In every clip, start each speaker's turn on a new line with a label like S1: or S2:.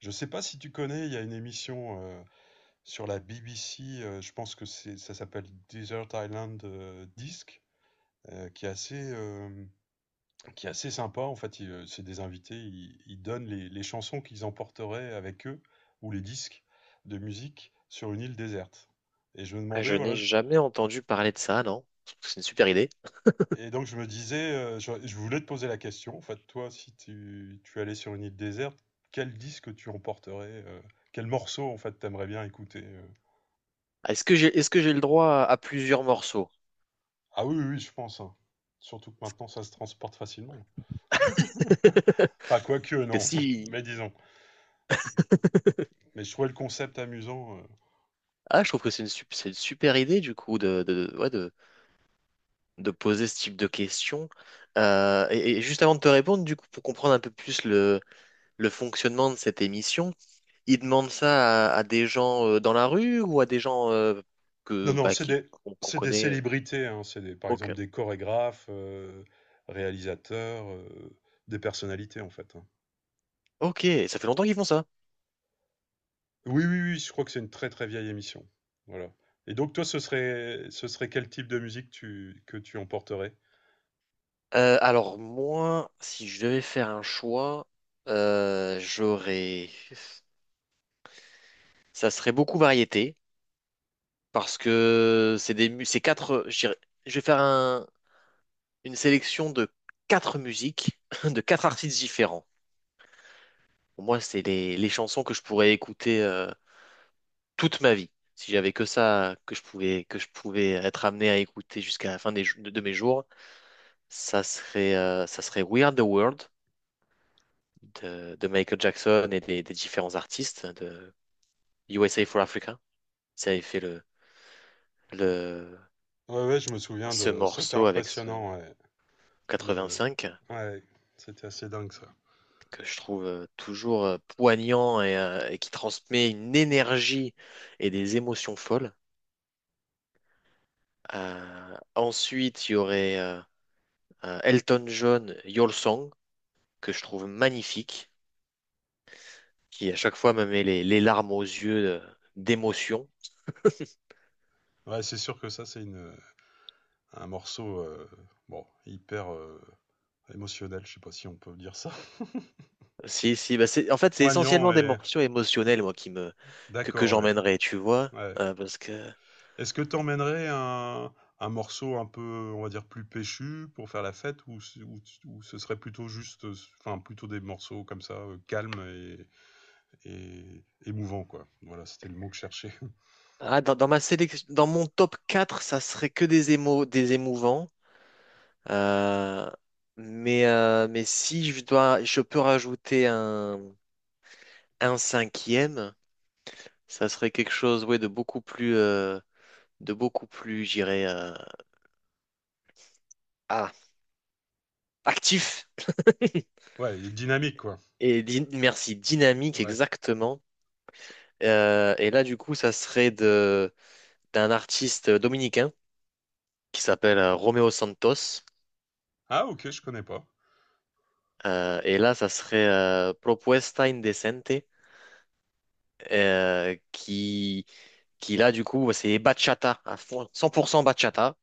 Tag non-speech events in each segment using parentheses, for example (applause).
S1: Je sais pas si tu connais, il y a une émission sur la BBC. Je pense que c'est, ça s'appelle Desert Island Disc, euh, qui est assez, euh, qui est assez sympa. En fait, il, c'est des invités, ils donnent les chansons qu'ils emporteraient avec eux, ou les disques de musique, sur une île déserte. Et je me
S2: Ah, je
S1: demandais, voilà,
S2: n'ai
S1: je-
S2: jamais entendu parler de ça, non? C'est une super idée.
S1: et donc je me disais, je voulais te poser la question, en fait, toi, si tu allais sur une île déserte, quel disque tu emporterais, quel morceau, en fait, t'aimerais bien écouter?
S2: Ah, est-ce que j'ai, est-ce que j'ai le droit à plusieurs morceaux?
S1: Ah oui, oui, oui, je pense, hein. Surtout que maintenant, ça se transporte facilement.
S2: (laughs)
S1: Enfin, quoique,
S2: Parce que
S1: non. (laughs)
S2: si,
S1: Mais disons. Mais je trouvais le concept amusant.
S2: ah, je trouve que c'est une, c'est une super idée du coup de poser ce type de questions. Et juste avant de te répondre, du coup, pour comprendre un peu plus le fonctionnement de cette émission, ils demandent ça à des gens dans la rue ou à des gens
S1: Non,
S2: que
S1: non,
S2: bah, qui qu'on
S1: c'est des
S2: connaît.
S1: célébrités, hein. C'est des, par
S2: Ok,
S1: exemple des chorégraphes, réalisateurs, des personnalités, en fait, hein.
S2: ok, ça fait longtemps qu'ils font ça.
S1: Oui, oui, oui, je crois que c'est une très, très vieille émission. Voilà. Et donc, toi, ce serait quel type de musique tu, que tu emporterais?
S2: Alors moi, si je devais faire un choix, j'aurais, ça serait beaucoup variété parce que c'est des, c'est quatre. Je dirais- je vais faire un- Une sélection de quatre musiques (laughs) de quatre artistes différents. Pour moi, c'est les chansons que je pourrais écouter toute ma vie si j'avais que ça que je pouvais être amené à écouter jusqu'à la fin de mes jours. Ça serait We Are the World de Michael Jackson et des différents artistes. USA for Africa. Ça avait fait le,
S1: Ouais, ouais, je me souviens
S2: ce
S1: de... C'était
S2: morceau avec ce
S1: impressionnant, ouais. Le...
S2: 85
S1: Ouais, c'était assez dingue, ça.
S2: que je trouve toujours poignant et et qui transmet une énergie et des émotions folles. Ensuite, il y aurait Elton John, Your Song, que je trouve magnifique, qui à chaque fois me met les larmes aux yeux d'émotion. (laughs)
S1: Ouais, c'est sûr que ça, c'est une... un morceau bon, hyper émotionnel, je sais pas si on peut dire ça. (laughs)
S2: Si, si, bah c'est, en fait, c'est
S1: Poignant
S2: essentiellement des
S1: et
S2: morceaux émotionnels, moi, que
S1: d'accord, ouais.
S2: j'emmènerai, tu vois,
S1: Ouais.
S2: parce que.
S1: Est-ce que t'emmènerais un morceau un peu, on va dire, plus péchu pour faire la fête ou, ou ce serait plutôt juste, enfin, plutôt des morceaux comme ça, calmes et émouvants, quoi. Voilà, c'était le mot que je cherchais. (laughs)
S2: Ah, dans ma sélection, dans mon top 4, ça serait que des émouvants. Euh, mais si je dois, je peux rajouter un cinquième, ça serait quelque chose, ouais, de beaucoup plus, j'irais, ah, actif (laughs)
S1: Ouais, et dynamique, quoi.
S2: merci, dynamique,
S1: Ouais.
S2: exactement. Et là, du coup, ça serait de d'un artiste dominicain qui s'appelle Romeo Santos.
S1: Ah, ok, je connais pas.
S2: Et là, ça serait Propuesta Indecente. euh, qui, qui là, du coup, c'est bachata, à fond, 100% bachata.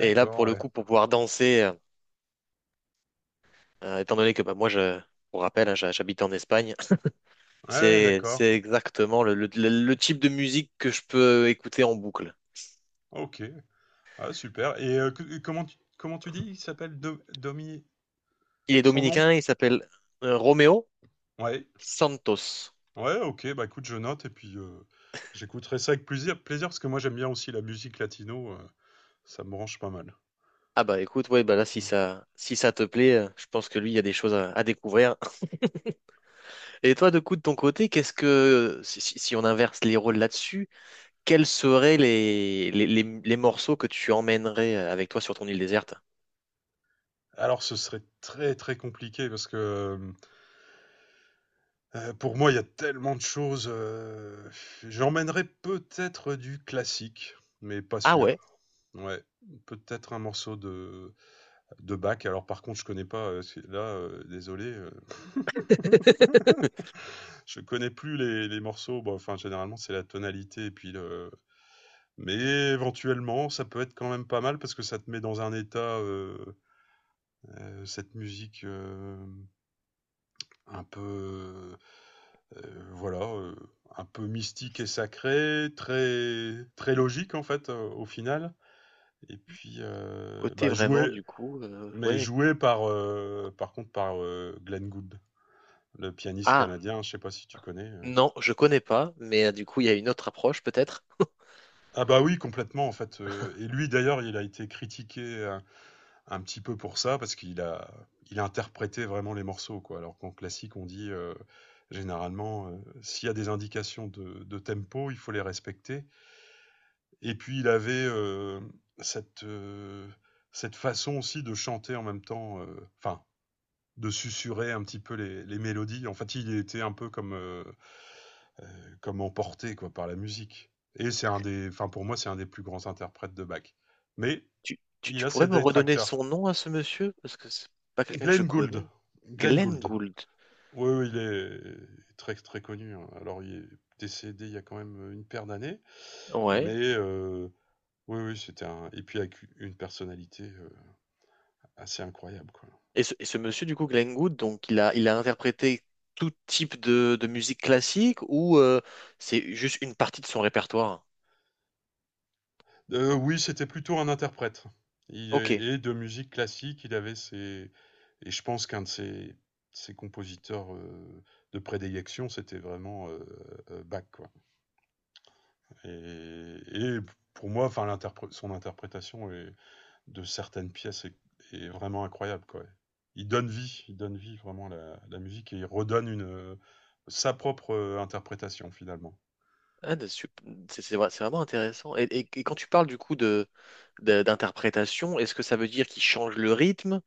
S2: Et là, pour le
S1: ouais.
S2: coup, pour pouvoir danser, étant donné que bah, moi, je, pour rappel, hein, j'habite en Espagne,
S1: Ouais, ouais, d'accord.
S2: c'est exactement le type de musique que je peux écouter en boucle.
S1: Ok. Ah, super. Et que- comment tu dis? Il s'appelle Do- Domi,
S2: Il est
S1: Son nom?
S2: dominicain, il s'appelle Romeo
S1: Ouais.
S2: Santos.
S1: Ouais, OK, bah, écoute, je note et puis, j'écouterai ça avec plusi plaisir parce que moi j'aime bien aussi la musique latino, ça me branche pas mal.
S2: Ah bah écoute, ouais, bah là,
S1: Mmh.
S2: si ça te plaît, je pense que lui, il y a des choses à découvrir. Et toi, de coup, de ton côté, qu'est-ce que, si on inverse les rôles là-dessus, quels seraient les morceaux que tu emmènerais avec toi sur ton île déserte?
S1: Alors ce serait très, très compliqué parce que, pour moi il y a tellement de choses, j'emmènerais peut-être du classique, mais pas
S2: Ah
S1: sûr.
S2: ouais,
S1: Ouais, peut-être un morceau de Bach. Alors par contre, je connais pas, c'est là, désolé, (laughs) je connais plus les morceaux, bah, enfin généralement c'est la tonalité et puis le Mais éventuellement, ça peut être quand même pas mal parce que ça te met dans un état, cette musique, un peu, voilà, un peu mystique et sacrée, très très logique en fait, au final. Et puis,
S2: côté
S1: bah,
S2: vraiment
S1: joué,
S2: du coup,
S1: mais
S2: ouais.
S1: joué par, par contre par, Glenn Gould, le pianiste Mmh.
S2: Ah
S1: canadien, je sais pas si tu connais,
S2: non, je connais pas, mais du coup il y a une autre approche peut-être.
S1: Ah bah, oui complètement en fait, et lui d'ailleurs il a été critiqué un petit peu pour ça, parce qu'il a il a interprété vraiment les morceaux, quoi. Alors qu'en classique, on dit, généralement, s'il y a des indications de tempo, il faut les respecter et puis il avait, cette, cette façon aussi de chanter en même temps, enfin, de susurrer un petit peu les mélodies. En fait, il était un peu comme, comme emporté, quoi, par la musique et c'est un des enfin, pour moi, c'est un des plus grands interprètes de Bach. Mais
S2: Tu, tu,
S1: il
S2: tu
S1: a
S2: pourrais
S1: ses
S2: me redonner son
S1: détracteurs.
S2: nom à ce monsieur? Parce que c'est pas quelqu'un que je
S1: Glenn Gould,
S2: connais.
S1: Glenn
S2: Glenn
S1: Gould.
S2: Gould.
S1: Oui, oui, il est très, très connu, hein. Alors il est décédé il y a quand même, une paire d'années,
S2: Ouais.
S1: mais oui, oui, c'était un et puis avec une personnalité, assez incroyable, quoi.
S2: Et ce monsieur du coup Glenn Gould, donc il a interprété tout type de musique classique ou c'est juste une partie de son répertoire?
S1: Oui, c'était plutôt un interprète. Il
S2: Ok.
S1: est et de musique classique, il avait ses et je pense qu'un de ses ses compositeurs, de prédilection, c'était vraiment, Bach, quoi et pour moi, enfin l'interpré son interprétation est de certaines pièces est, est vraiment incroyable, quoi. Il donne vie vraiment à la, la musique et il redonne une, sa propre interprétation finalement.
S2: Ah, de sup- c'est vra- C'est vraiment intéressant. Et quand tu parles du coup d'interprétation, est-ce que ça veut dire qu'ils changent le rythme?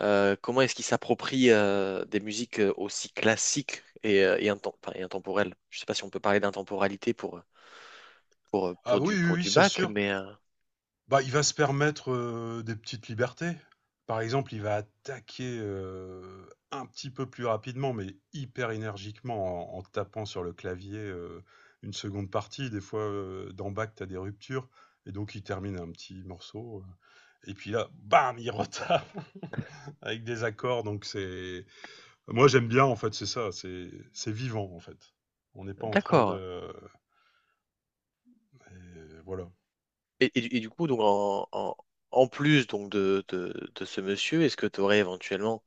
S2: Comment est-ce qu'ils s'approprient des musiques aussi classiques enfin, et intemporelles? Je sais pas si on peut parler d'intemporalité
S1: Ah oui, oui,
S2: pour
S1: oui,
S2: du
S1: c'est
S2: bac,
S1: sûr.
S2: mais
S1: Bah, il va se permettre des petites libertés. Par exemple, il va attaquer un petit peu plus rapidement, mais hyper énergiquement en, en tapant sur le clavier une seconde partie. Des fois, dans Bach, tu as des ruptures, et donc il termine un petit morceau, et puis là, bam, il retape. Avec des accords. Donc c'est, moi j'aime bien en fait, c'est ça, c'est vivant en fait. On n'est pas en train
S2: d'accord.
S1: de, et voilà.
S2: Et du coup, donc en plus donc de ce monsieur, est-ce que tu aurais éventuellement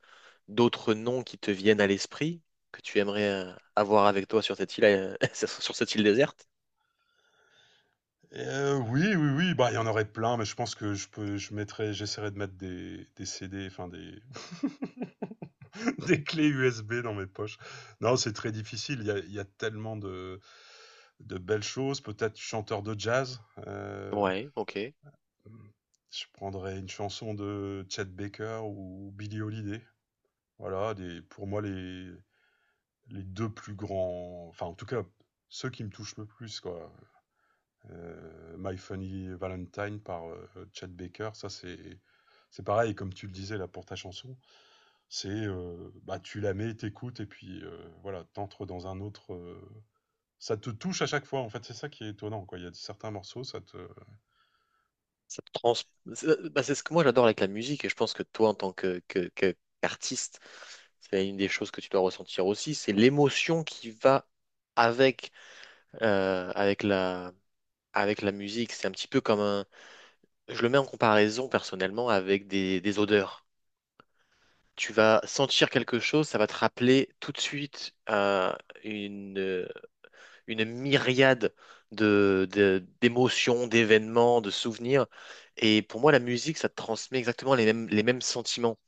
S2: d'autres noms qui te viennent à l'esprit que tu aimerais avoir avec toi sur cette île, (laughs) sur cette île déserte?
S1: Et, oui, oui, oui, bah il y en aurait plein, mais je pense que je peux, je mettrai, j'essaierai de mettre des CD, enfin des, (laughs) des clés USB dans mes poches. Non, c'est très difficile. Il y a tellement de belles choses. Peut-être chanteur de jazz. euh,
S2: Ouais, ok.
S1: je prendrais une chanson de Chet Baker ou Billie Holiday. Voilà, des, pour moi les deux plus grands, enfin en tout cas ceux qui me touchent le plus quoi. My Funny Valentine par Chad Baker, ça c'est pareil comme tu le disais là pour ta chanson, c'est bah tu la mets, t'écoutes et puis voilà t'entres dans un autre. Ça te touche à chaque fois en fait c'est ça qui est étonnant quoi. Il y a certains morceaux ça te.
S2: Ça te trans... C'est bah, c'est ce que moi j'adore avec la musique et je pense que toi en tant qu'artiste, c'est une des choses que tu dois ressentir aussi, c'est l'émotion qui va avec, avec avec la musique. C'est un petit peu comme un. Je le mets en comparaison personnellement avec des odeurs. Tu vas sentir quelque chose, ça va te rappeler tout de suite une, euh, une myriade de, d'émotions, d'événements, de souvenirs. Et pour moi, la musique, ça te transmet exactement les mêmes sentiments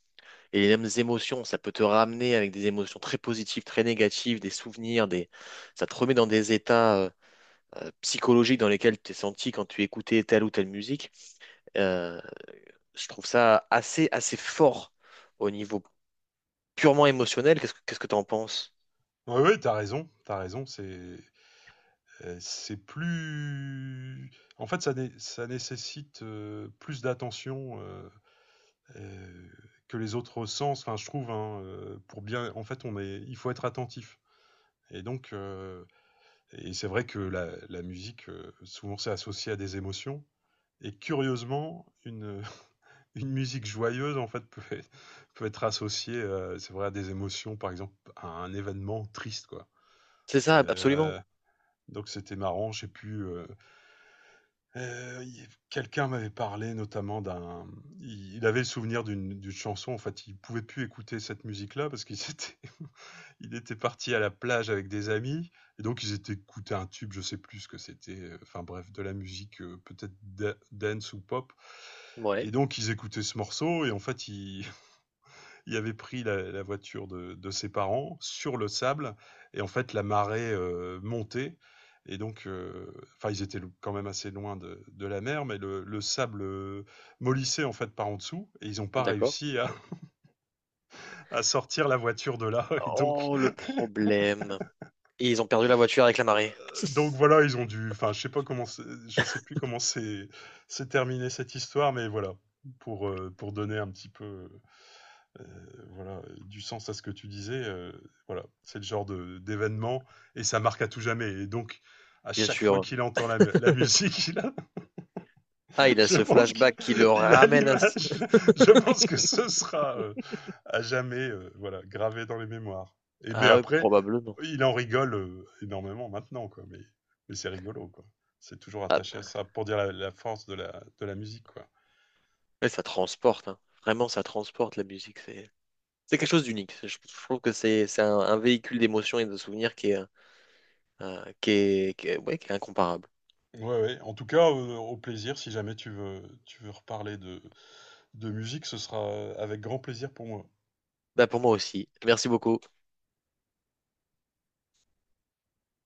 S2: et les mêmes émotions. Ça peut te ramener avec des émotions très positives, très négatives, des souvenirs, des... ça te remet dans des états psychologiques dans lesquels tu t'es senti quand tu écoutais telle ou telle musique. Euh, Je trouve ça assez, assez fort au niveau purement émotionnel. Qu'est-ce que t'en penses?
S1: Oui, oui, t'as raison, c'est plus en fait, ça, ça nécessite plus d'attention euh, que les autres sens. Enfin, je trouve, hein, pour bien, en fait, on est, il faut être attentif. Et donc, et c'est vrai que la musique, souvent, c'est associé à des émotions. Et curieusement, une, (laughs) une musique joyeuse, en fait, peut être associée, c'est vrai, à des émotions, par exemple, à un événement triste, quoi.
S2: C'est ça, absolument.
S1: Euh, donc c'était marrant, je sais plus, il quelqu'un m'avait parlé notamment d'un il avait le souvenir d'une d'une chanson, en fait, il pouvait plus écouter cette musique-là parce qu'il (laughs) étaient il était parti à la plage avec des amis et donc ils étaient écoutés un tube, je sais plus ce que c'était, enfin bref, de la musique, peut-être da dance ou pop
S2: Ouais,
S1: et donc ils écoutaient ce morceau et en fait, ils il avait pris la, la voiture de ses parents sur le sable et en fait la marée montait et donc enfin ils étaient quand même assez loin de la mer mais le sable mollissait en fait par en dessous et ils n'ont pas
S2: d'accord.
S1: réussi à, (laughs) à sortir la voiture de là (laughs) et
S2: Oh, le problème. Et ils ont perdu la voiture avec la marée,
S1: donc voilà ils ont dû enfin je sais pas comment c'est- je sais plus comment c'est terminé cette histoire mais voilà pour donner un petit peu voilà, du sens à ce que tu disais. Voilà, c'est le genre de- d'événement et ça marque à tout jamais. Et donc, à
S2: bien
S1: chaque fois
S2: sûr.
S1: qu'il entend la, mu- la musique, (laughs) il a-
S2: Ah, il a
S1: je
S2: ce
S1: pense qu'il
S2: flashback qui le
S1: il a
S2: ramène à... ce-
S1: l'image. Je pense que ce sera à jamais voilà, gravé dans les mémoires.
S2: (laughs)
S1: Et mais
S2: Ah ouais,
S1: après,
S2: probablement.
S1: il en rigole énormément maintenant, quoi. Mais c'est rigolo, quoi. C'est toujours
S2: Ah,
S1: attaché à ça pour dire la, la force de la musique, quoi.
S2: mais ça transporte, hein. Vraiment, ça transporte la musique. C'est quelque chose d'unique. Je trouve que c'est un véhicule d'émotions et de souvenirs qui est, qui est- ouais, qui est incomparable.
S1: Ouais, ouais. En tout cas, au plaisir, si jamais tu veux, tu veux reparler de musique, ce sera avec grand plaisir pour moi.
S2: Bah, pour moi aussi. Merci beaucoup.